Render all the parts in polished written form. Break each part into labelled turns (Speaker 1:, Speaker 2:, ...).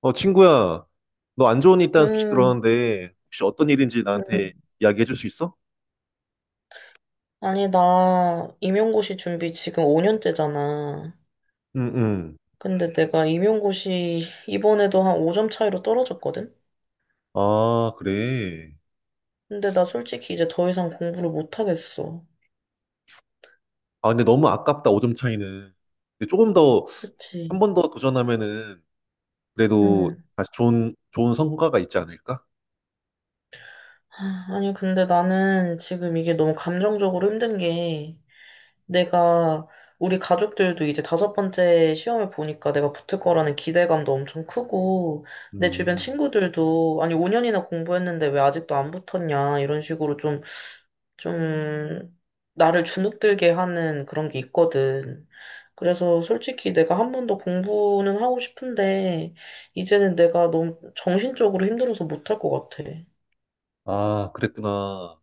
Speaker 1: 어, 친구야, 너 안 좋은 일 있다는 소식
Speaker 2: 음,
Speaker 1: 들었는데, 혹시 어떤 일인지
Speaker 2: 음.
Speaker 1: 나한테 이야기해 줄 수 있어?
Speaker 2: 아니, 나 임용고시 준비 지금 5년째잖아.
Speaker 1: 응, 응.
Speaker 2: 근데 내가 임용고시 이번에도 한 5점 차이로 떨어졌거든?
Speaker 1: 아, 그래.
Speaker 2: 근데 나 솔직히 이제 더 이상 공부를 못 하겠어.
Speaker 1: 아, 근데 너무 아깝다, 5점 차이는. 근데 조금 더, 한
Speaker 2: 그치?
Speaker 1: 번 더 도전하면은, 그래도
Speaker 2: 응.
Speaker 1: 다시 좋은 성과가 있지 않을까?
Speaker 2: 하, 아니, 근데 나는 지금 이게 너무 감정적으로 힘든 게 내가 우리 가족들도 이제 다섯 번째 시험을 보니까 내가 붙을 거라는 기대감도 엄청 크고 내 주변
Speaker 1: 음.
Speaker 2: 친구들도 아니, 5년이나 공부했는데 왜 아직도 안 붙었냐 이런 식으로 좀 나를 주눅들게 하는 그런 게 있거든. 그래서 솔직히 내가 한 번 더 공부는 하고 싶은데, 이제는 내가 너무 정신적으로 힘들어서 못 할 것 같아.
Speaker 1: 아, 그랬구나.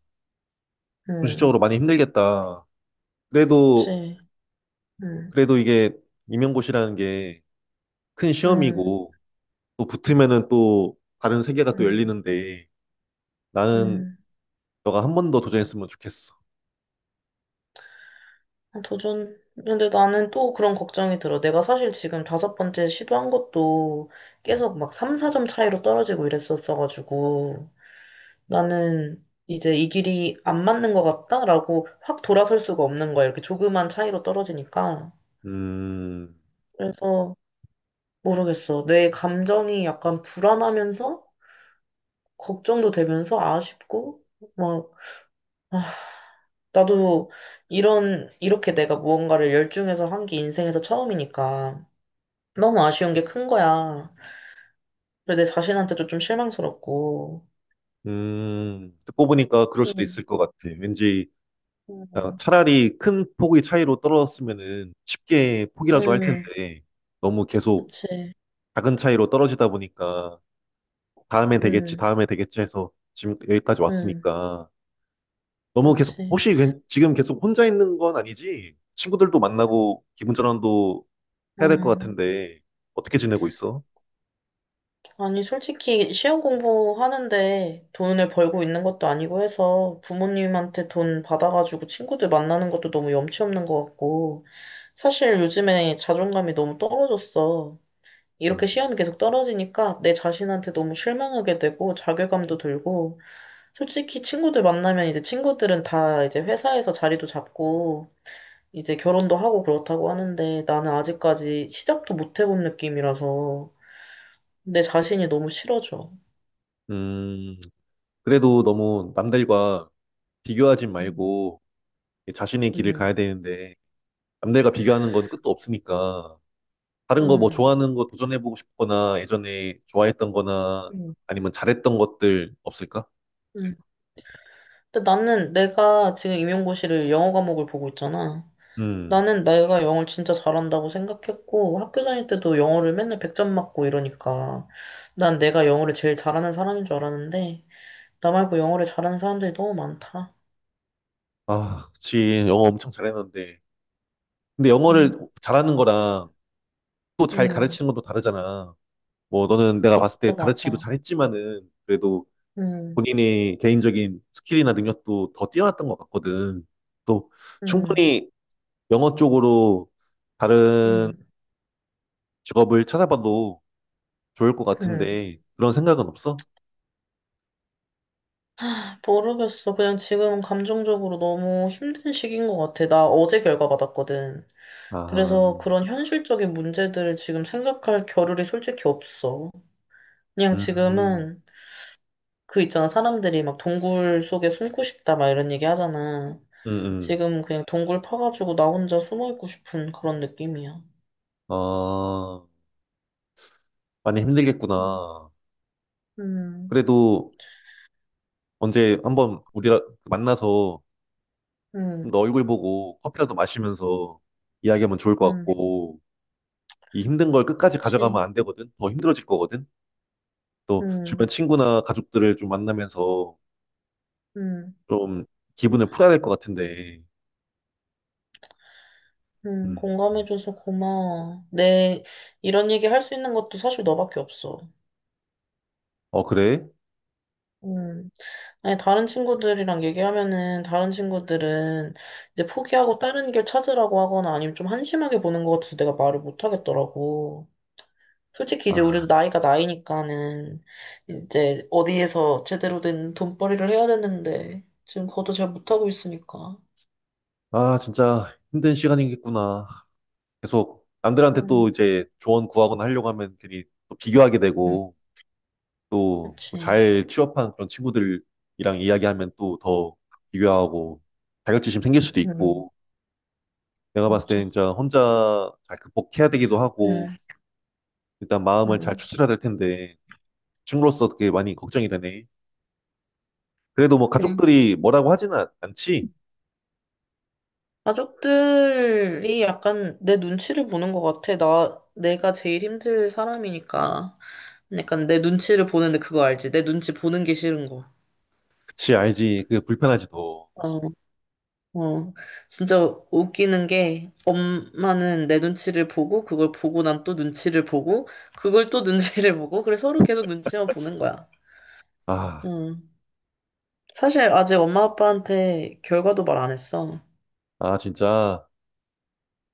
Speaker 2: 응,
Speaker 1: 정신적으로 많이 힘들겠다. 그래도,
Speaker 2: 그치. 응,
Speaker 1: 그래도 이게 임용고시라는 게 큰
Speaker 2: 응,
Speaker 1: 시험이고, 또 붙으면은 또 다른 세계가 또
Speaker 2: 응,
Speaker 1: 열리는데, 나는
Speaker 2: 응.
Speaker 1: 너가 한 번 더 도전했으면 좋겠어.
Speaker 2: 아, 도전. 근데 나는 또 그런 걱정이 들어. 내가 사실 지금 다섯 번째 시도한 것도
Speaker 1: 음,
Speaker 2: 계속 막 3, 4점 차이로 떨어지고 이랬었어가지고. 나는 이제 이 길이 안 맞는 것 같다라고 확 돌아설 수가 없는 거야. 이렇게 조그만 차이로 떨어지니까.
Speaker 1: 음,
Speaker 2: 그래서 모르겠어. 내 감정이 약간 불안하면서 걱정도 되면서 아쉽고 막 아, 나도 이런 이렇게 내가 무언가를 열중해서 한 게 인생에서 처음이니까 너무 아쉬운 게 큰 거야. 그래서 내 자신한테도 좀 실망스럽고.
Speaker 1: 듣고 보니까 그럴 수도
Speaker 2: 음,
Speaker 1: 있을 것 같아. 왠지 아,
Speaker 2: 음,
Speaker 1: 차라리 큰 폭의 차이로 떨어졌으면은 쉽게 포기라도 할
Speaker 2: 음,
Speaker 1: 텐데 너무 계속
Speaker 2: 그치.
Speaker 1: 작은 차이로 떨어지다 보니까 다음에 되겠지,
Speaker 2: 음,
Speaker 1: 다음에 되겠지 해서 지금 여기까지
Speaker 2: 음,
Speaker 1: 왔으니까 너무 계속
Speaker 2: 그치.
Speaker 1: 혹시 지금 계속 혼자 있는 건 아니지? 친구들도 만나고 기분 전환도
Speaker 2: 어.
Speaker 1: 해야 될 것 같은데 어떻게 지내고 있어?
Speaker 2: 아니, 솔직히 시험 공부하는데 돈을 벌고 있는 것도 아니고 해서 부모님한테 돈 받아가지고 친구들 만나는 것도 너무 염치 없는 것 같고 사실 요즘에 자존감이 너무 떨어졌어. 이렇게
Speaker 1: 음,
Speaker 2: 시험이 계속 떨어지니까 내 자신한테 너무 실망하게 되고 자괴감도 들고 솔직히 친구들 만나면 이제 친구들은 다 이제 회사에서 자리도 잡고 이제 결혼도 하고 그렇다고 하는데 나는 아직까지 시작도 못 해본 느낌이라서 내 자신이 너무 싫어져.
Speaker 1: 음, 그래도 너무 남들과 비교하지
Speaker 2: 음.
Speaker 1: 말고 자신의 길을 가야
Speaker 2: 음,
Speaker 1: 되는데 남들과 비교하는 건 끝도 없으니까 다른 거 뭐
Speaker 2: 음,
Speaker 1: 좋아하는 거 도전해보고 싶거나 예전에 좋아했던 거나
Speaker 2: 음.
Speaker 1: 아니면 잘했던 것들 없을까?
Speaker 2: 음. 근데 나는 내가 지금 임용고시를 영어 과목을 보고 있잖아.
Speaker 1: 음.
Speaker 2: 나는 내가 영어를 진짜 잘한다고 생각했고, 학교 다닐 때도 영어를 맨날 100점 맞고 이러니까, 난 내가 영어를 제일 잘하는 사람인 줄 알았는데, 나 말고 영어를 잘하는 사람들이 너무 많다.
Speaker 1: 아, 그치. 영어 엄청 잘했는데. 근데
Speaker 2: 음,
Speaker 1: 영어를 잘하는 거랑 또 잘
Speaker 2: 음,
Speaker 1: 가르치는 것도 다르잖아. 뭐 너는 내가 봤을 때
Speaker 2: 그것도
Speaker 1: 가르치기도
Speaker 2: 맞아.
Speaker 1: 잘했지만은 그래도
Speaker 2: 음,
Speaker 1: 본인의 개인적인 스킬이나 능력도 더 뛰어났던 것 같거든. 또
Speaker 2: 음,
Speaker 1: 충분히 영어 쪽으로 다른
Speaker 2: 음,
Speaker 1: 직업을 찾아봐도 좋을 것
Speaker 2: 음.
Speaker 1: 같은데 그런 생각은 없어?
Speaker 2: 모르겠어. 그냥 지금 감정적으로 너무 힘든 시기인 것 같아. 나 어제 결과 받았거든.
Speaker 1: 아,
Speaker 2: 그래서 그런 현실적인 문제들을 지금 생각할 겨를이 솔직히 없어. 그냥 지금은 그 있잖아. 사람들이 막 동굴 속에 숨고 싶다 막 이런 얘기 하잖아.
Speaker 1: 음, 음.
Speaker 2: 지금 그냥 동굴 파가지고 나 혼자 숨어 있고 싶은 그런 느낌이야.
Speaker 1: 아, 많이 힘들겠구나.
Speaker 2: 음,
Speaker 1: 그래도 언제 한번 우리가 만나서
Speaker 2: 음,
Speaker 1: 좀너 얼굴 보고 커피라도 마시면서 이야기하면 좋을 것
Speaker 2: 음,
Speaker 1: 같고 이 힘든 걸 끝까지 가져가면
Speaker 2: 그치.
Speaker 1: 안 되거든. 더 힘들어질 거거든. 또 주변
Speaker 2: 음,
Speaker 1: 친구나 가족들을 좀 만나면서
Speaker 2: 음,
Speaker 1: 좀 기분을 풀어야 될 것 같은데. 음.
Speaker 2: 공감해줘서 고마워. 내 이런 얘기 할 수 있는 것도 사실 너밖에 없어.
Speaker 1: 어, 그래?
Speaker 2: 음. 아니, 다른 친구들이랑 얘기하면은, 다른 친구들은 이제 포기하고 다른 길 찾으라고 하거나 아니면 좀 한심하게 보는 것 같아서 내가 말을 못 하겠더라고. 솔직히 이제 우리도
Speaker 1: 아,
Speaker 2: 나이가 나이니까는 이제 어디에서 제대로 된 돈벌이를 해야 되는데, 지금 그것도 잘 못하고 있으니까.
Speaker 1: 아, 진짜 힘든 시간이겠구나. 계속 남들한테 또
Speaker 2: 음,
Speaker 1: 이제 조언 구하거나 하려고 하면 괜히 또 비교하게
Speaker 2: 음,
Speaker 1: 되고 또 뭐
Speaker 2: 그렇지.
Speaker 1: 잘 취업한 그런 친구들이랑 이야기하면 또 더 비교하고 자격지심 생길 수도
Speaker 2: 음.
Speaker 1: 있고 내가 봤을 때
Speaker 2: 맞아.
Speaker 1: 진짜 혼자 잘 극복해야 되기도 하고
Speaker 2: 응,
Speaker 1: 일단 마음을 잘
Speaker 2: 응.
Speaker 1: 추스려야 될 텐데 친구로서 그게 많이 걱정이 되네. 그래도 뭐
Speaker 2: 그래.
Speaker 1: 가족들이 뭐라고 하지는 않지?
Speaker 2: 가족들이 약간 내 눈치를 보는 것 같아. 내가 제일 힘들 사람이니까. 약간 내 눈치를 보는데 그거 알지? 내 눈치 보는 게 싫은 거.
Speaker 1: 그치, 알지. 그게 불편하지도.
Speaker 2: 어, 어. 진짜 웃기는 게 엄마는 내 눈치를 보고 그걸 보고 난 또 눈치를 보고 그걸 또 눈치를 보고 그래서 서로 계속 눈치만 보는 거야.
Speaker 1: 아,
Speaker 2: 음. 사실 아직 엄마 아빠한테 결과도 말 안 했어.
Speaker 1: 아, 진짜.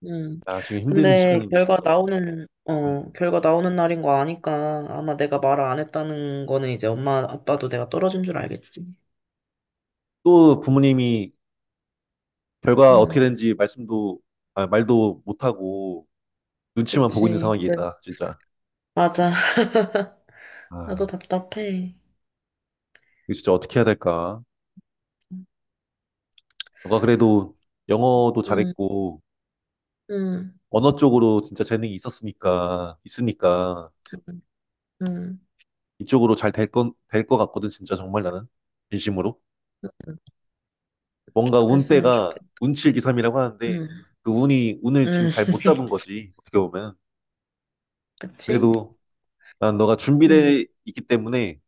Speaker 2: 음.
Speaker 1: 야, 지금 힘든
Speaker 2: 근데
Speaker 1: 시간인데, 진짜. 음.
Speaker 2: 결과 나오는 날인 거 아니까 아마 내가 말을 안 했다는 거는 이제 엄마, 아빠도 내가 떨어진 줄 알겠지.
Speaker 1: 또 부모님이 결과 어떻게
Speaker 2: 음,
Speaker 1: 되는지 말씀도, 아, 말도 못하고 눈치만 보고 있는 상
Speaker 2: 그치.
Speaker 1: 황이 있
Speaker 2: 네.
Speaker 1: 다 진짜.
Speaker 2: 맞아.
Speaker 1: 아,
Speaker 2: 나도 답답해.
Speaker 1: 이거 진짜 어떻게 해야 될까?
Speaker 2: 음,
Speaker 1: 너가 그래도 영어도
Speaker 2: 음,
Speaker 1: 잘했고,
Speaker 2: 음,
Speaker 1: 언어 쪽으로 진짜 재능이 있었으니까, 있으니까,
Speaker 2: 음. 음.
Speaker 1: 이쪽으로 될 것 같거든, 진짜 정말 나는. 진심으로.
Speaker 2: 음.
Speaker 1: 뭔가
Speaker 2: 그랬으면
Speaker 1: 운때가
Speaker 2: 좋겠다.
Speaker 1: 운칠기삼이라고 하는데,
Speaker 2: 음,
Speaker 1: 운을 지금
Speaker 2: 음,
Speaker 1: 잘 못 잡은 거지, 어떻게 보면.
Speaker 2: 그치?
Speaker 1: 그래도 난 너가
Speaker 2: 음,
Speaker 1: 준비돼 있기 때문에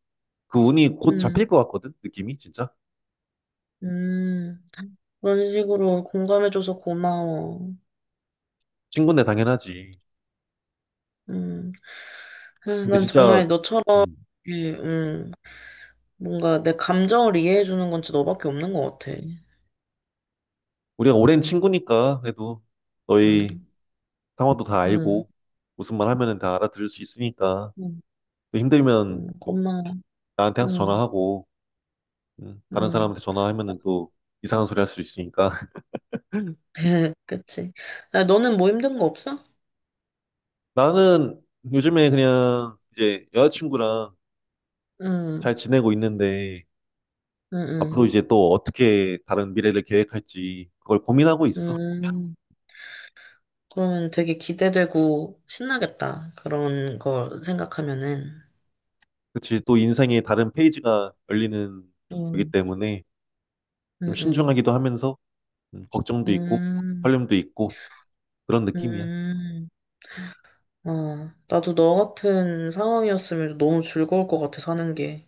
Speaker 1: 그 운이 곧
Speaker 2: 음,
Speaker 1: 잡힐 것 같거든, 느낌이, 진짜.
Speaker 2: 음. 그런 식으로 공감해줘서 고마워.
Speaker 1: 친구인데 당연하지.
Speaker 2: 음. 아,
Speaker 1: 근데
Speaker 2: 난 정말
Speaker 1: 진짜,
Speaker 2: 너처럼,
Speaker 1: 음,
Speaker 2: 예, 뭔가 내 감정을 이해해주는 건 진짜 너밖에 없는 것 같아.
Speaker 1: 우리가 오랜 친구니까, 그래도
Speaker 2: 응,
Speaker 1: 너희 상황도 다
Speaker 2: 응,
Speaker 1: 알고, 무슨 말 하면은 다 알아들을 수 있으니까,
Speaker 2: 응,
Speaker 1: 또 힘들면
Speaker 2: 응, 고마워.
Speaker 1: 나한테 항상
Speaker 2: 응,
Speaker 1: 전화하고, 다른
Speaker 2: 응.
Speaker 1: 사람한테 전화하면은 또 이상한 소리 할 수 있으니까.
Speaker 2: 그치. 야, 너는 뭐 힘든 거 없어?
Speaker 1: 나는 요즘에 그냥 이제 여자친구랑
Speaker 2: 응,
Speaker 1: 잘 지내고 있는데,
Speaker 2: 응,
Speaker 1: 앞으로
Speaker 2: 응.
Speaker 1: 이제 또 어떻게 다른 미래를 계획할지, 그걸 고민하고 있어.
Speaker 2: 음, 그러면 되게 기대되고 신나겠다. 그런 거 생각하면은.
Speaker 1: 그치, 또 인생의 다른 페이지가 열리는 거기
Speaker 2: 응,
Speaker 1: 때문에
Speaker 2: 응,
Speaker 1: 좀
Speaker 2: 응.
Speaker 1: 신중하기도 하면서 걱정도 있고
Speaker 2: 음,
Speaker 1: 설렘도 있고 그런 느낌이야.
Speaker 2: 음. 아, 나도 너 같은 상황이었으면 너무 즐거울 것 같아, 사는 게.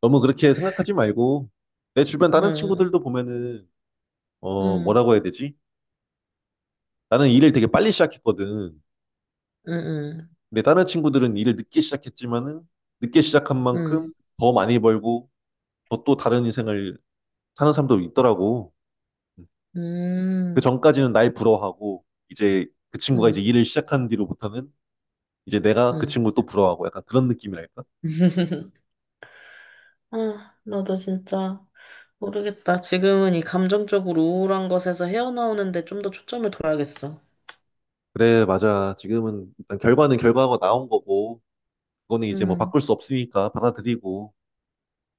Speaker 1: 너무 그렇게 생각하지 말고 내 주변 다른
Speaker 2: 응,
Speaker 1: 친구들도 보면은 어
Speaker 2: 응,
Speaker 1: 뭐라고 해야 되지? 나는 일을 되게 빨리 시작했거든.
Speaker 2: 응, 응,
Speaker 1: 근데 다른 친구들은 일을 늦게 시작했지만은 늦게 시작한
Speaker 2: 응.
Speaker 1: 만큼 더 많이 벌고 더 또 다른 인생을 사는 사람도 있더라고. 음, 그
Speaker 2: 음,
Speaker 1: 전까지는 날 부러워하고 이제 그 친구가 이제
Speaker 2: 음,
Speaker 1: 일을 시작한 뒤로부터는 이제 내가 그
Speaker 2: 음.
Speaker 1: 친구 또 부러워하고 약간 그런 느낌이랄까?
Speaker 2: 아, 나도 진짜 모르겠다. 지금은 이 감정적으로 우울한 것에서 헤어나오는데 좀 더 초점을 둬야겠어.
Speaker 1: 그래, 맞아. 지금은 일단 결과는 결과가 나온 거고, 그거는 이제 뭐
Speaker 2: 음,
Speaker 1: 바꿀 수 없으니까 받아들이고,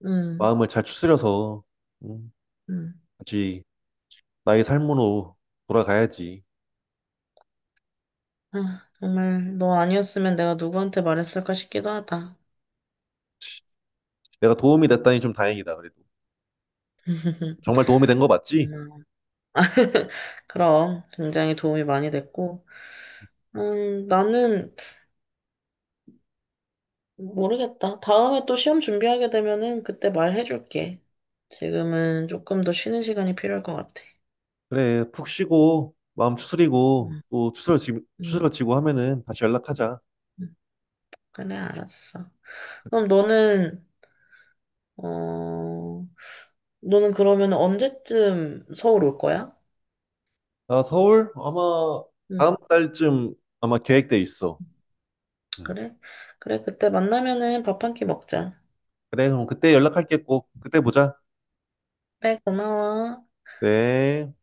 Speaker 2: 음,
Speaker 1: 마음을 잘 추스려서, 음,
Speaker 2: 음.
Speaker 1: 같이 나의 삶으로 돌아가야지.
Speaker 2: 아, 정말 너 아니었으면 내가 누구한테 말했을까 싶기도 하다.
Speaker 1: 내가 도움이 됐다니 좀 다행이다, 그래도. 정말 도움이 된 거 맞지?
Speaker 2: 고마워. 그럼 굉장히 도움이 많이 됐고, 나는 모르겠다. 다음에 또 시험 준비하게 되면은 그때 말해줄게. 지금은 조금 더 쉬는 시간이 필요할 것 같아.
Speaker 1: 그래, 푹 쉬고, 마음 추스리고,
Speaker 2: 음.
Speaker 1: 또
Speaker 2: 음,
Speaker 1: 추스러지고 하면은 다시 연락하자.
Speaker 2: 음. 그래, 알았어. 그럼 너는, 어, 너는 그러면 언제쯤 서울 올 거야?
Speaker 1: 나 서울? 아마
Speaker 2: 응,
Speaker 1: 다음 달쯤 아마 계획돼 있어. 음.
Speaker 2: 그래? 그래, 그때 만나면은 밥 한 끼 먹자.
Speaker 1: 그래, 그럼 그때 연락할게 꼭. 그때 보자.
Speaker 2: 그래, 고마워. 응.
Speaker 1: 네.